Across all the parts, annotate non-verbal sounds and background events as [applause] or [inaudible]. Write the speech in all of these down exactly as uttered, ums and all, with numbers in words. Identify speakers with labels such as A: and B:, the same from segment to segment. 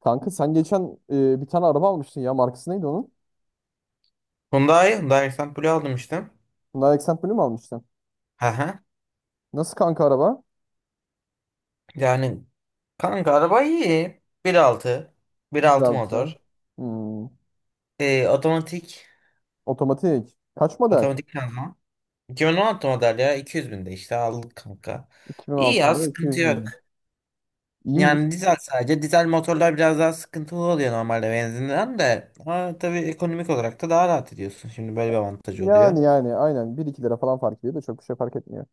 A: Kanka sen geçen e, bir tane araba almıştın ya. Markası neydi onun?
B: Hyundai, Hyundai Accent aldım işte.
A: Hyundai Accent Blue mu almıştın?
B: Hı hı.
A: Nasıl kanka araba?
B: Yani kanka araba iyi. bir altı bir altı
A: Güzel bir şey.
B: motor.
A: Hmm.
B: Ee, otomatik,
A: Otomatik. Kaç model?
B: otomatik şanzıman. iki bin on altı model ya, iki yüz binde işte aldık kanka. İyi
A: iki bin altı
B: ya,
A: model.
B: sıkıntı
A: iki yüz bin.
B: yok.
A: İyi mi?
B: Yani dizel sadece. Dizel motorlar biraz daha sıkıntılı oluyor normalde benzinden de. Ha, tabii ekonomik olarak da daha rahat ediyorsun. Şimdi böyle bir avantajı oluyor.
A: Yani yani aynen. Bir iki lira falan fark ediyor da çok bir şey fark etmiyor.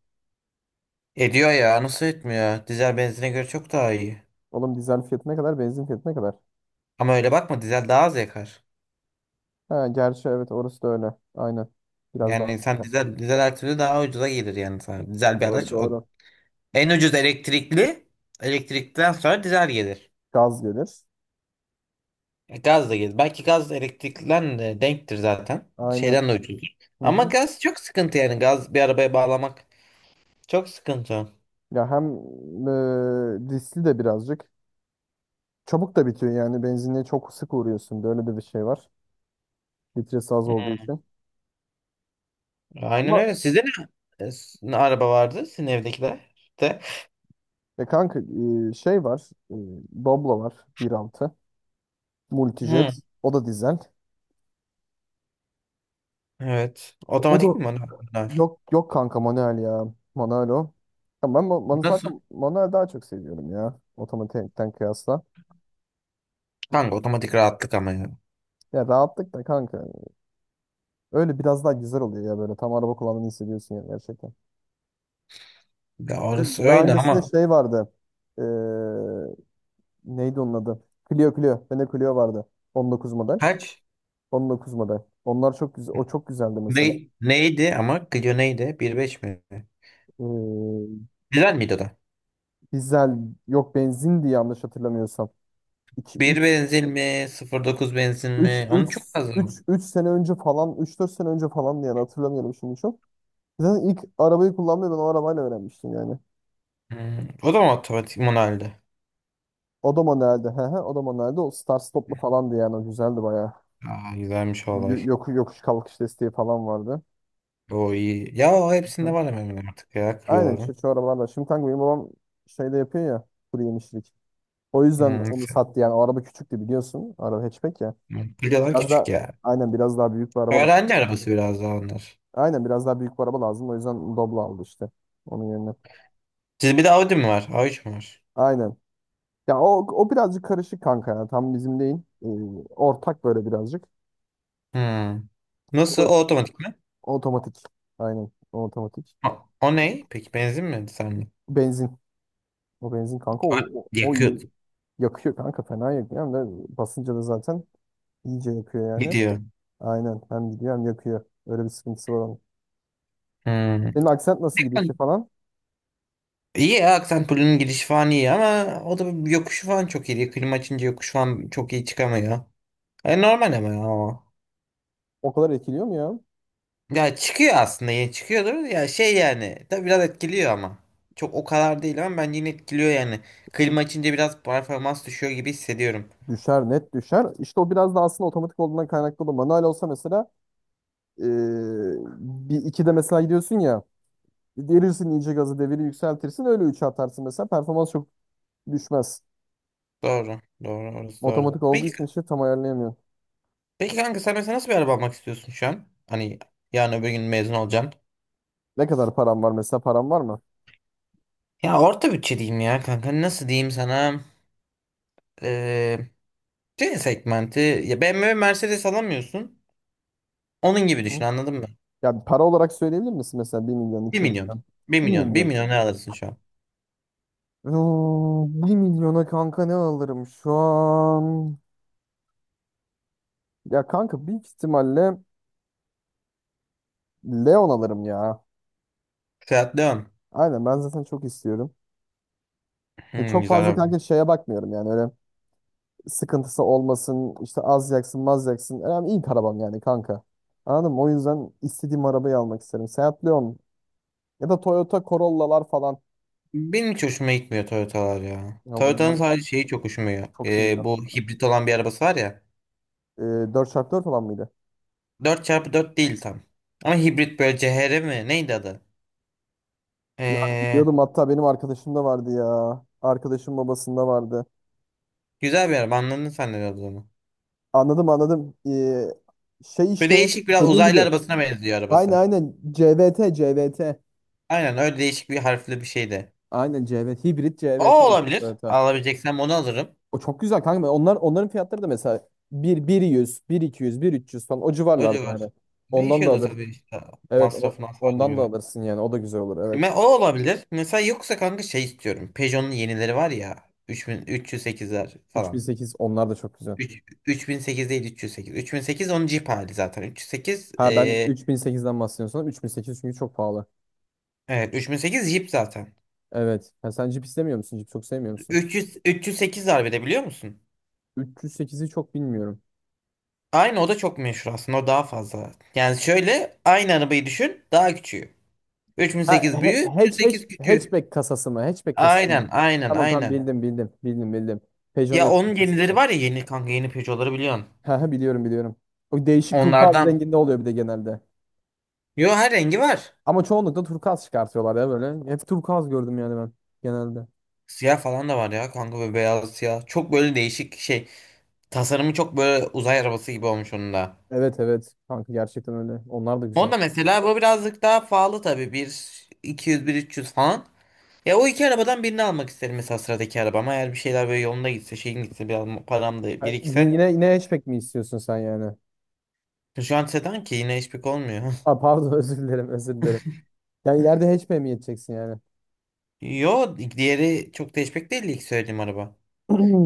B: Ediyor ya, nasıl etmiyor? Dizel benzine göre çok daha iyi.
A: Oğlum dizel fiyatı ne kadar? Benzin fiyatı ne kadar?
B: Ama öyle bakma, dizel daha az yakar.
A: Ha, gerçi evet orası da öyle. Aynen. Biraz daha
B: Yani sen
A: sıkı.
B: dizel, dizel her türlü daha ucuza gelir yani sana. Dizel bir
A: Doğru,
B: araç. O,
A: doğru.
B: en ucuz elektrikli. Elektrikten sonra dizel gelir.
A: Gaz gelir.
B: E, Gaz da gelir. Belki gaz elektrikten de denktir zaten.
A: Aynen.
B: Şeyden de ucuzdur.
A: Hı hı.
B: Ama gaz çok sıkıntı yani. Gaz bir arabaya bağlamak çok sıkıntı.
A: Ya hem e, riskli de birazcık. Çabuk da bitiyor yani benzinliğe çok sık uğruyorsun. Böyle de bir şey var. Litresi az olduğu
B: Hı.
A: için.
B: Aynen
A: Ama
B: öyle. Sizde ne, e, s- ne araba vardı? Sizin evdekiler de.
A: e kanka e, şey var. E, Doblo var bir altı,
B: Hı.
A: Multijet. O da dizel.
B: Evet.
A: O
B: Otomatik
A: da
B: mi bunlar? Bunlar.
A: yok, yok kanka manuel ya. Manuel o. Ya ben ma- bana
B: Nasıl?
A: zaten manuel daha çok seviyorum ya. Otomatikten kıyasla.
B: Kanka otomatik rahatlık ama ya.
A: Ya rahatlık da kanka. Öyle biraz daha güzel oluyor ya böyle. Tam araba kullandığını hissediyorsun ya gerçekten.
B: Ya orası
A: Daha
B: öyle
A: öncesinde
B: ama.
A: şey vardı. e, Neydi onun adı? Clio, Clio. Bende Clio vardı. On dokuz model.
B: Kaç?
A: On dokuz model. Onlar çok güzel. O çok güzeldi mesela.
B: Ne, neydi ama, Clio neydi? Bir nokta beş mi?
A: Ee,
B: Güzel miydi o da?
A: Dizel, yok, benzindi yanlış hatırlamıyorsam. 2
B: bir
A: üç
B: benzin mi? Sıfır dokuz benzin
A: üç
B: mi?
A: üç
B: Onu çok
A: üç
B: lazım.
A: 3 sene önce falan, üç dört sene önce falan yani hatırlamıyorum şimdi çok. Zaten ilk arabayı kullanmayı ben o arabayla öğrenmiştim yani.
B: Hmm, o da mı otomatik, manueldi?
A: O da manueldi. He he, o da manueldi. O start stoplu falandı yani, o güzeldi bayağı.
B: Aa, güzelmiş o olay.
A: Y- Yok, yokuş kalkış desteği falan vardı.
B: O iyi. Ya o hepsinde
A: Hı.
B: var hemen hemen artık ya,
A: Aynen şu,
B: Clio'ların.
A: şu arabalarla. Şimdi kanka benim babam şeyde yapıyor ya, kuru yemişlik. O yüzden onu
B: Hmm.
A: sattı yani. O araba küçüktü biliyorsun. Araba hatchback ya.
B: Clio'lar
A: Biraz, evet,
B: küçük
A: daha
B: ya.
A: aynen biraz daha büyük bir araba lazım.
B: Öğrenci arabası biraz daha onlar.
A: Aynen biraz daha büyük bir araba lazım. O yüzden Doblo aldı işte. Onun yerine.
B: Siz bir de Audi mi var? A üç mü var?
A: Aynen. Ya o, o birazcık karışık kanka ya. Tam bizim değil. Ee, Ortak böyle birazcık.
B: Hmm. Nasıl?
A: O, da-
B: O otomatik mi?
A: o otomatik. Aynen. O otomatik.
B: O, o ne? Peki benzin mi? Sen mi?
A: Benzin. O benzin kanka. O, o, o
B: Yakıyor.
A: iyi. Yakıyor kanka. Fena yakıyor. Hem de basınca da zaten iyice yakıyor yani.
B: Gidiyor.
A: Aynen. Hem gidiyor hem yakıyor. Öyle bir sıkıntısı var onun.
B: Hmm.
A: Senin aksent nasıl gidiyor işe falan?
B: İyi ya, Aksenpol'ün girişi falan iyi ama o da yokuşu falan çok iyi. Klima açınca yokuş falan çok iyi çıkamıyor. E, normal ama ya o.
A: O kadar etkiliyor mu ya?
B: Ya çıkıyor aslında, ya çıkıyordur ya şey, yani tabii biraz etkiliyor ama. Çok o kadar değil ama bence yine etkiliyor yani.
A: İşte
B: Klima açınca biraz performans düşüyor gibi hissediyorum.
A: düşer, net düşer. İşte o biraz da aslında otomatik olduğundan kaynaklı olur. Manuel olsa mesela eee bir iki de mesela gidiyorsun ya, derirsin iyice gazı, deviri yükseltirsin, öyle üçe atarsın, mesela performans çok düşmez.
B: Doğru. Doğru, orası doğru.
A: Otomatik olduğu
B: Peki,
A: için işte tam ayarlayamıyorum.
B: peki kanka, sen mesela nasıl bir araba almak istiyorsun şu an? Hani yarın öbür gün mezun olacaksın.
A: Ne kadar param var mesela, param var mı?
B: Ya orta bütçe diyeyim ya kanka, nasıl diyeyim sana? C segmenti ya, B M W Mercedes alamıyorsun. Onun gibi
A: Hı.
B: düşün, anladın mı?
A: Yani para olarak söyleyebilir misin, mesela bir milyon,
B: Bir
A: iki
B: milyon.
A: milyon?
B: bir
A: Bir
B: milyon. Bir
A: milyon.
B: milyon ne alırsın şu an?
A: Oo, bir milyona kanka ne alırım şu an? Ya kanka büyük ihtimalle Leon alırım ya.
B: Fiat Leon.
A: Aynen, ben zaten çok istiyorum. E,
B: Hmm,
A: çok
B: güzel
A: fazla kanka
B: araba.
A: şeye bakmıyorum yani, öyle sıkıntısı olmasın işte, az yaksın maz yaksın. Önemli, ilk arabam yani kanka. Anladın mı? O yüzden istediğim arabayı almak isterim. Seat Leon ya da Toyota Corolla'lar falan.
B: Benim hiç hoşuma gitmiyor Toyota'lar ya.
A: Ya bunlar
B: Toyota'nın sadece şeyi çok hoşuma gidiyor.
A: çok iyi ya.
B: Ee, bu hibrit olan bir arabası var ya.
A: E, dört çarpı dört falan mıydı?
B: Dört çarpı dört değil tam. Ama hibrit böyle C H R mi? Neydi adı?
A: Ya
B: Ee,
A: biliyordum, hatta benim arkadaşım da vardı ya. Arkadaşım babasında vardı.
B: Güzel bir araba, anladın sen ne olduğunu.
A: Anladım, anladım. E, şey
B: Böyle
A: işte,
B: değişik, biraz
A: dediğin
B: uzaylı
A: gibi.
B: arabasına benziyor
A: Aynen,
B: arabası.
A: aynen, CVT, CVT.
B: Aynen öyle, değişik bir harfli bir şey de.
A: Aynen CVT. Hibrit CVT
B: O
A: işte.
B: olabilir.
A: Evet,
B: Alabileceksen onu alırım.
A: o çok güzel kanka. Onlar, onların fiyatları da mesela bir bir yüz, bir iki yüz, bir üç yüz falan, o
B: O
A: civarlarda
B: civar.
A: yani. Ondan da
B: Değişiyor da
A: alır.
B: tabii işte,
A: Evet,
B: masrafın
A: o,
B: hasarına
A: ondan da
B: göre.
A: alırsın yani. O da güzel olur. Evet.
B: Ben, o olabilir. Mesela yoksa kanka şey istiyorum. Peugeot'un yenileri var ya. Üç üç bin üç yüz sekizler
A: Üç bin
B: falan.
A: sekiz onlar da çok güzel.
B: üç üç bin sekiz değil, üç yüz sekiz. Üç bin sekiz onun Jeep hali zaten. üç yüz sekiz,
A: Ha, ben
B: eee,
A: üç bin sekizden üç bin sekiz, çünkü çok pahalı.
B: evet üç bin sekiz Jeep zaten.
A: Evet. Ha, sen Jeep istemiyor musun? Jeep çok sevmiyor musun?
B: üç yüz üç yüz sekiz var bir de, biliyor musun?
A: Üç yüz sekizi çok bilmiyorum.
B: Aynı, o da çok meşhur aslında. O daha fazla. Yani şöyle, aynı arabayı düşün. Daha küçüğü.
A: Ha
B: üç bin sekiz
A: he,
B: büyüğü, üç yüz
A: hatch, hatch,
B: sekiz küçüğü.
A: hatchback kasası mı? Hatchback kasası mı?
B: Aynen, aynen,
A: Tamam, tamam,
B: aynen.
A: bildim, bildim. Bildim, bildim. Peugeot'un
B: Ya onun
A: hatchback
B: yenileri
A: kasası.
B: var ya, yeni kanka, yeni Peugeot'ları biliyorsun.
A: Ha ha, biliyorum, biliyorum. O değişik turkuaz
B: Onlardan.
A: renginde oluyor bir de genelde.
B: Yo, her rengi var.
A: Ama çoğunlukla turkuaz çıkartıyorlar ya böyle. Hep turkuaz gördüm yani ben genelde.
B: Siyah falan da var ya kanka, ve beyaz siyah. Çok böyle değişik şey. Tasarımı çok böyle uzay arabası gibi olmuş onun da.
A: Evet, evet kanka, gerçekten öyle. Onlar da
B: O
A: güzel.
B: da mesela bu birazcık daha pahalı tabii. Bir iki yüz, bir üç yüz falan. Ya o iki arabadan birini almak isterim mesela sıradaki arabama. Eğer bir şeyler böyle yolunda gitse, şeyin gitse, biraz param da
A: Ha, y-
B: birikse.
A: Yine yine hatchback mi istiyorsun sen yani?
B: Şu an sedan ki yine hiçbir şey olmuyor.
A: Aa, pardon, [laughs] özür dilerim, özür dilerim. Yani ileride hatchback mi yeteceksin yani?
B: [laughs] Yo, diğeri çok da hatchback değil ilk söylediğim araba.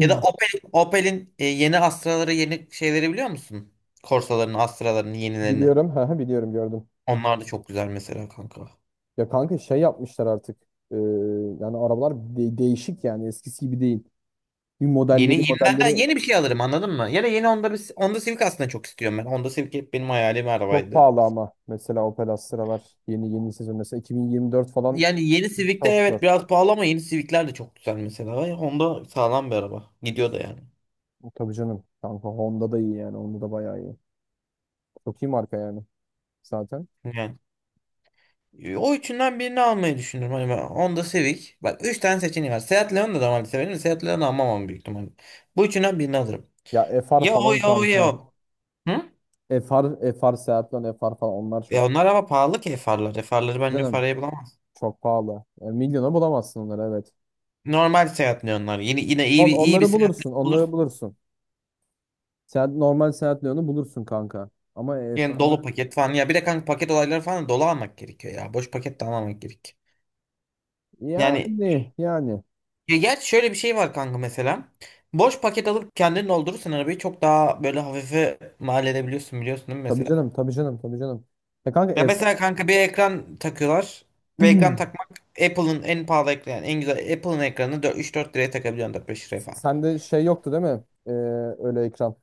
B: Ya da Opel, Opel'in e, yeni Astra'ları, yeni şeyleri biliyor musun? Corsa'larını, Astra'larını, yenilerini.
A: Biliyorum, ha ha, biliyorum, gördüm.
B: Onlar da çok güzel mesela kanka.
A: Ya kanka şey yapmışlar artık. Ee, Yani arabalar de- değişik yani, eskisi gibi değil. Bir
B: Yeni
A: modelleri
B: yenilerden
A: modelleri
B: yeni bir şey alırım, anladın mı? Ya da yeni Honda, bir- Honda Civic aslında çok istiyorum ben. Honda Civic hep benim hayalim
A: çok
B: arabaydı.
A: pahalı, ama mesela Opel Astra'lar, yeni yeni sezon mesela iki bin yirmi dört falan
B: Yani yeni Civic'ler,
A: çok zor.
B: evet biraz pahalı ama yeni Civic'ler de çok güzel mesela. Ya Honda sağlam bir araba. Gidiyor da yani.
A: Tabii canım. Kanka Honda da iyi yani. Honda da bayağı iyi. Çok iyi marka yani zaten.
B: Yani e, o üçünden birini almayı düşünürüm. Hani ben Honda Civic. Bak, üç tane seçeneği var. Seat Leon'da da normalde severim. De Seat Leon'u almam ama büyük ihtimalle. Bu üçünden birini alırım.
A: Ya F R
B: Ya o,
A: falan
B: ya o, ya
A: kanka.
B: o. Hı?
A: FR, FR Seat Leon, F R falan onlar çok.
B: Ya onlar ama pahalı ki farlar. Farları bence o
A: Canım,
B: parayı bulamaz.
A: çok pahalı. Yani milyona bulamazsın onları, evet.
B: Normal seyahatle onlar. Yine yine iyi
A: On,
B: bir, iyi bir
A: onları
B: seyahatle
A: bulursun.
B: bulur.
A: Onları bulursun. Seat, normal Seat Leon'u bulursun kanka. Ama
B: Yani
A: F R'ı,
B: dolu paket falan. Ya bir de kanka paket olayları falan da dolu almak gerekiyor ya. Boş paket de almamak gerek. Yani,
A: yani yani.
B: ya gerçi şöyle bir şey var kanka mesela. Boş paket alıp kendin doldurursan arabayı çok daha böyle hafife mal edebiliyorsun, biliyorsun değil mi
A: Tabii
B: mesela?
A: canım. Tabii canım. Tabii canım. Ya kanka
B: Ya
A: F R...
B: mesela kanka bir ekran takıyorlar. Ve ekran
A: [clears throat]
B: takmak, Apple'ın en pahalı ekranı yani, en güzel Apple'ın ekranını üç dört liraya takabiliyorsun, dört beş liraya falan.
A: Sende şey yoktu değil mi? Ee, öyle ekran.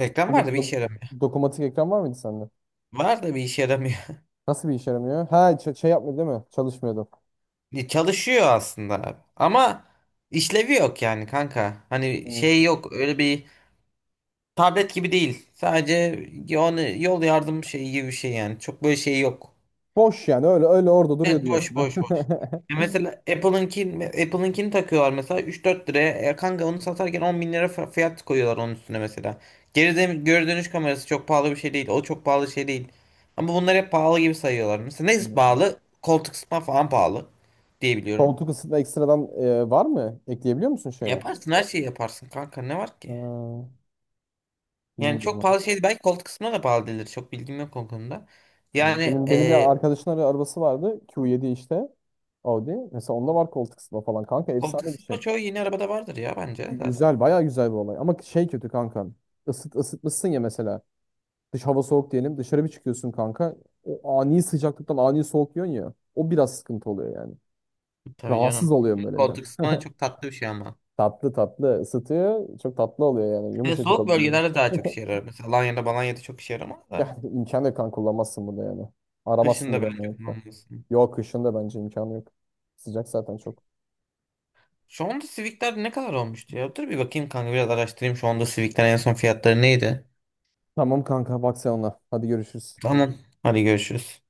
B: Reklam var da bir
A: Dokum-
B: işe yaramıyor.
A: Dokumatik ekran var mıydı sende?
B: Var da bir işe yaramıyor. [laughs]
A: Nasıl bir işe yaramıyor? Ha, ç- şey yapmıyor değil mi? Çalışmıyordu.
B: Ya, çalışıyor aslında abi. Ama işlevi yok yani kanka. Hani
A: Hmm.
B: şey yok, öyle bir tablet gibi değil. Sadece yani, yol yardım şeyi gibi bir şey yani. Çok böyle şey yok.
A: Boş yani, öyle öyle orada duruyor
B: Evet, boş,
A: diyorsun.
B: boş, boş. Ya
A: [laughs]
B: mesela Apple'ınki, Apple'ınkini takıyorlar mesela üç dört liraya. E, kanka onu satarken on bin lira fa- fiyat koyuyorlar onun üstüne mesela. Geri dön- geri dönüş kamerası çok pahalı bir şey değil. O çok pahalı şey değil. Ama bunları hep pahalı gibi sayıyorlar. Mesela ne
A: Anladım.
B: pahalı? Koltuk ısıtma falan pahalı diye biliyorum.
A: Koltuk ısıtma ekstradan e, var mı? Ekleyebiliyor musun şeye?
B: Yaparsın, her şeyi yaparsın kanka, ne var
A: Ha,
B: ki? Yani çok
A: bilmiyorum.
B: pahalı şey, belki koltuk ısıtma da pahalı değildir. Çok bilgim yok o konuda.
A: Hmm.
B: Yani
A: Benim benim bir
B: e,
A: arkadaşın ara- arabası vardı. Q yedi işte. Audi. Mesela onda var koltuk ısıtma falan kanka.
B: koltuk
A: Efsane bir şey.
B: ısıtma çoğu yeni arabada vardır ya bence
A: Gü-
B: zaten.
A: Güzel, bayağı güzel bir olay. Ama şey kötü kanka. Isıt, ısıtmışsın ya mesela. Dış hava soğuk diyelim. Dışarı bir çıkıyorsun kanka. O ani sıcaklıktan ani soğuk yiyorsun ya. O biraz sıkıntı oluyor yani.
B: Tabii
A: Rahatsız
B: canım.
A: oluyorum böyle biraz.
B: Koltuk ısıtma da çok tatlı bir şey ama.
A: Tatlı tatlı ısıtıyor. Çok tatlı oluyor yani.
B: Ve
A: Yumuşacık
B: soğuk
A: oluyor, böyle.
B: bölgelerde daha çok işe
A: [laughs]
B: yarar. Mesela Alanya'da Balanya'da çok işe yaramaz da.
A: Yani imkan yok, kan kullanmazsın bunu yani.
B: Kışın
A: Aramazsın
B: da
A: bile
B: bence
A: yani, hatta.
B: kullanmalısın.
A: Yok, kışın da bence imkanı yok. Sıcak zaten çok.
B: Şu anda Civic'ler ne kadar olmuştu ya? Dur bir bakayım kanka, biraz araştırayım. Şu anda Civic'ler en son fiyatları neydi?
A: Tamam kanka, bak sen ona. Hadi görüşürüz.
B: Tamam. Hadi görüşürüz.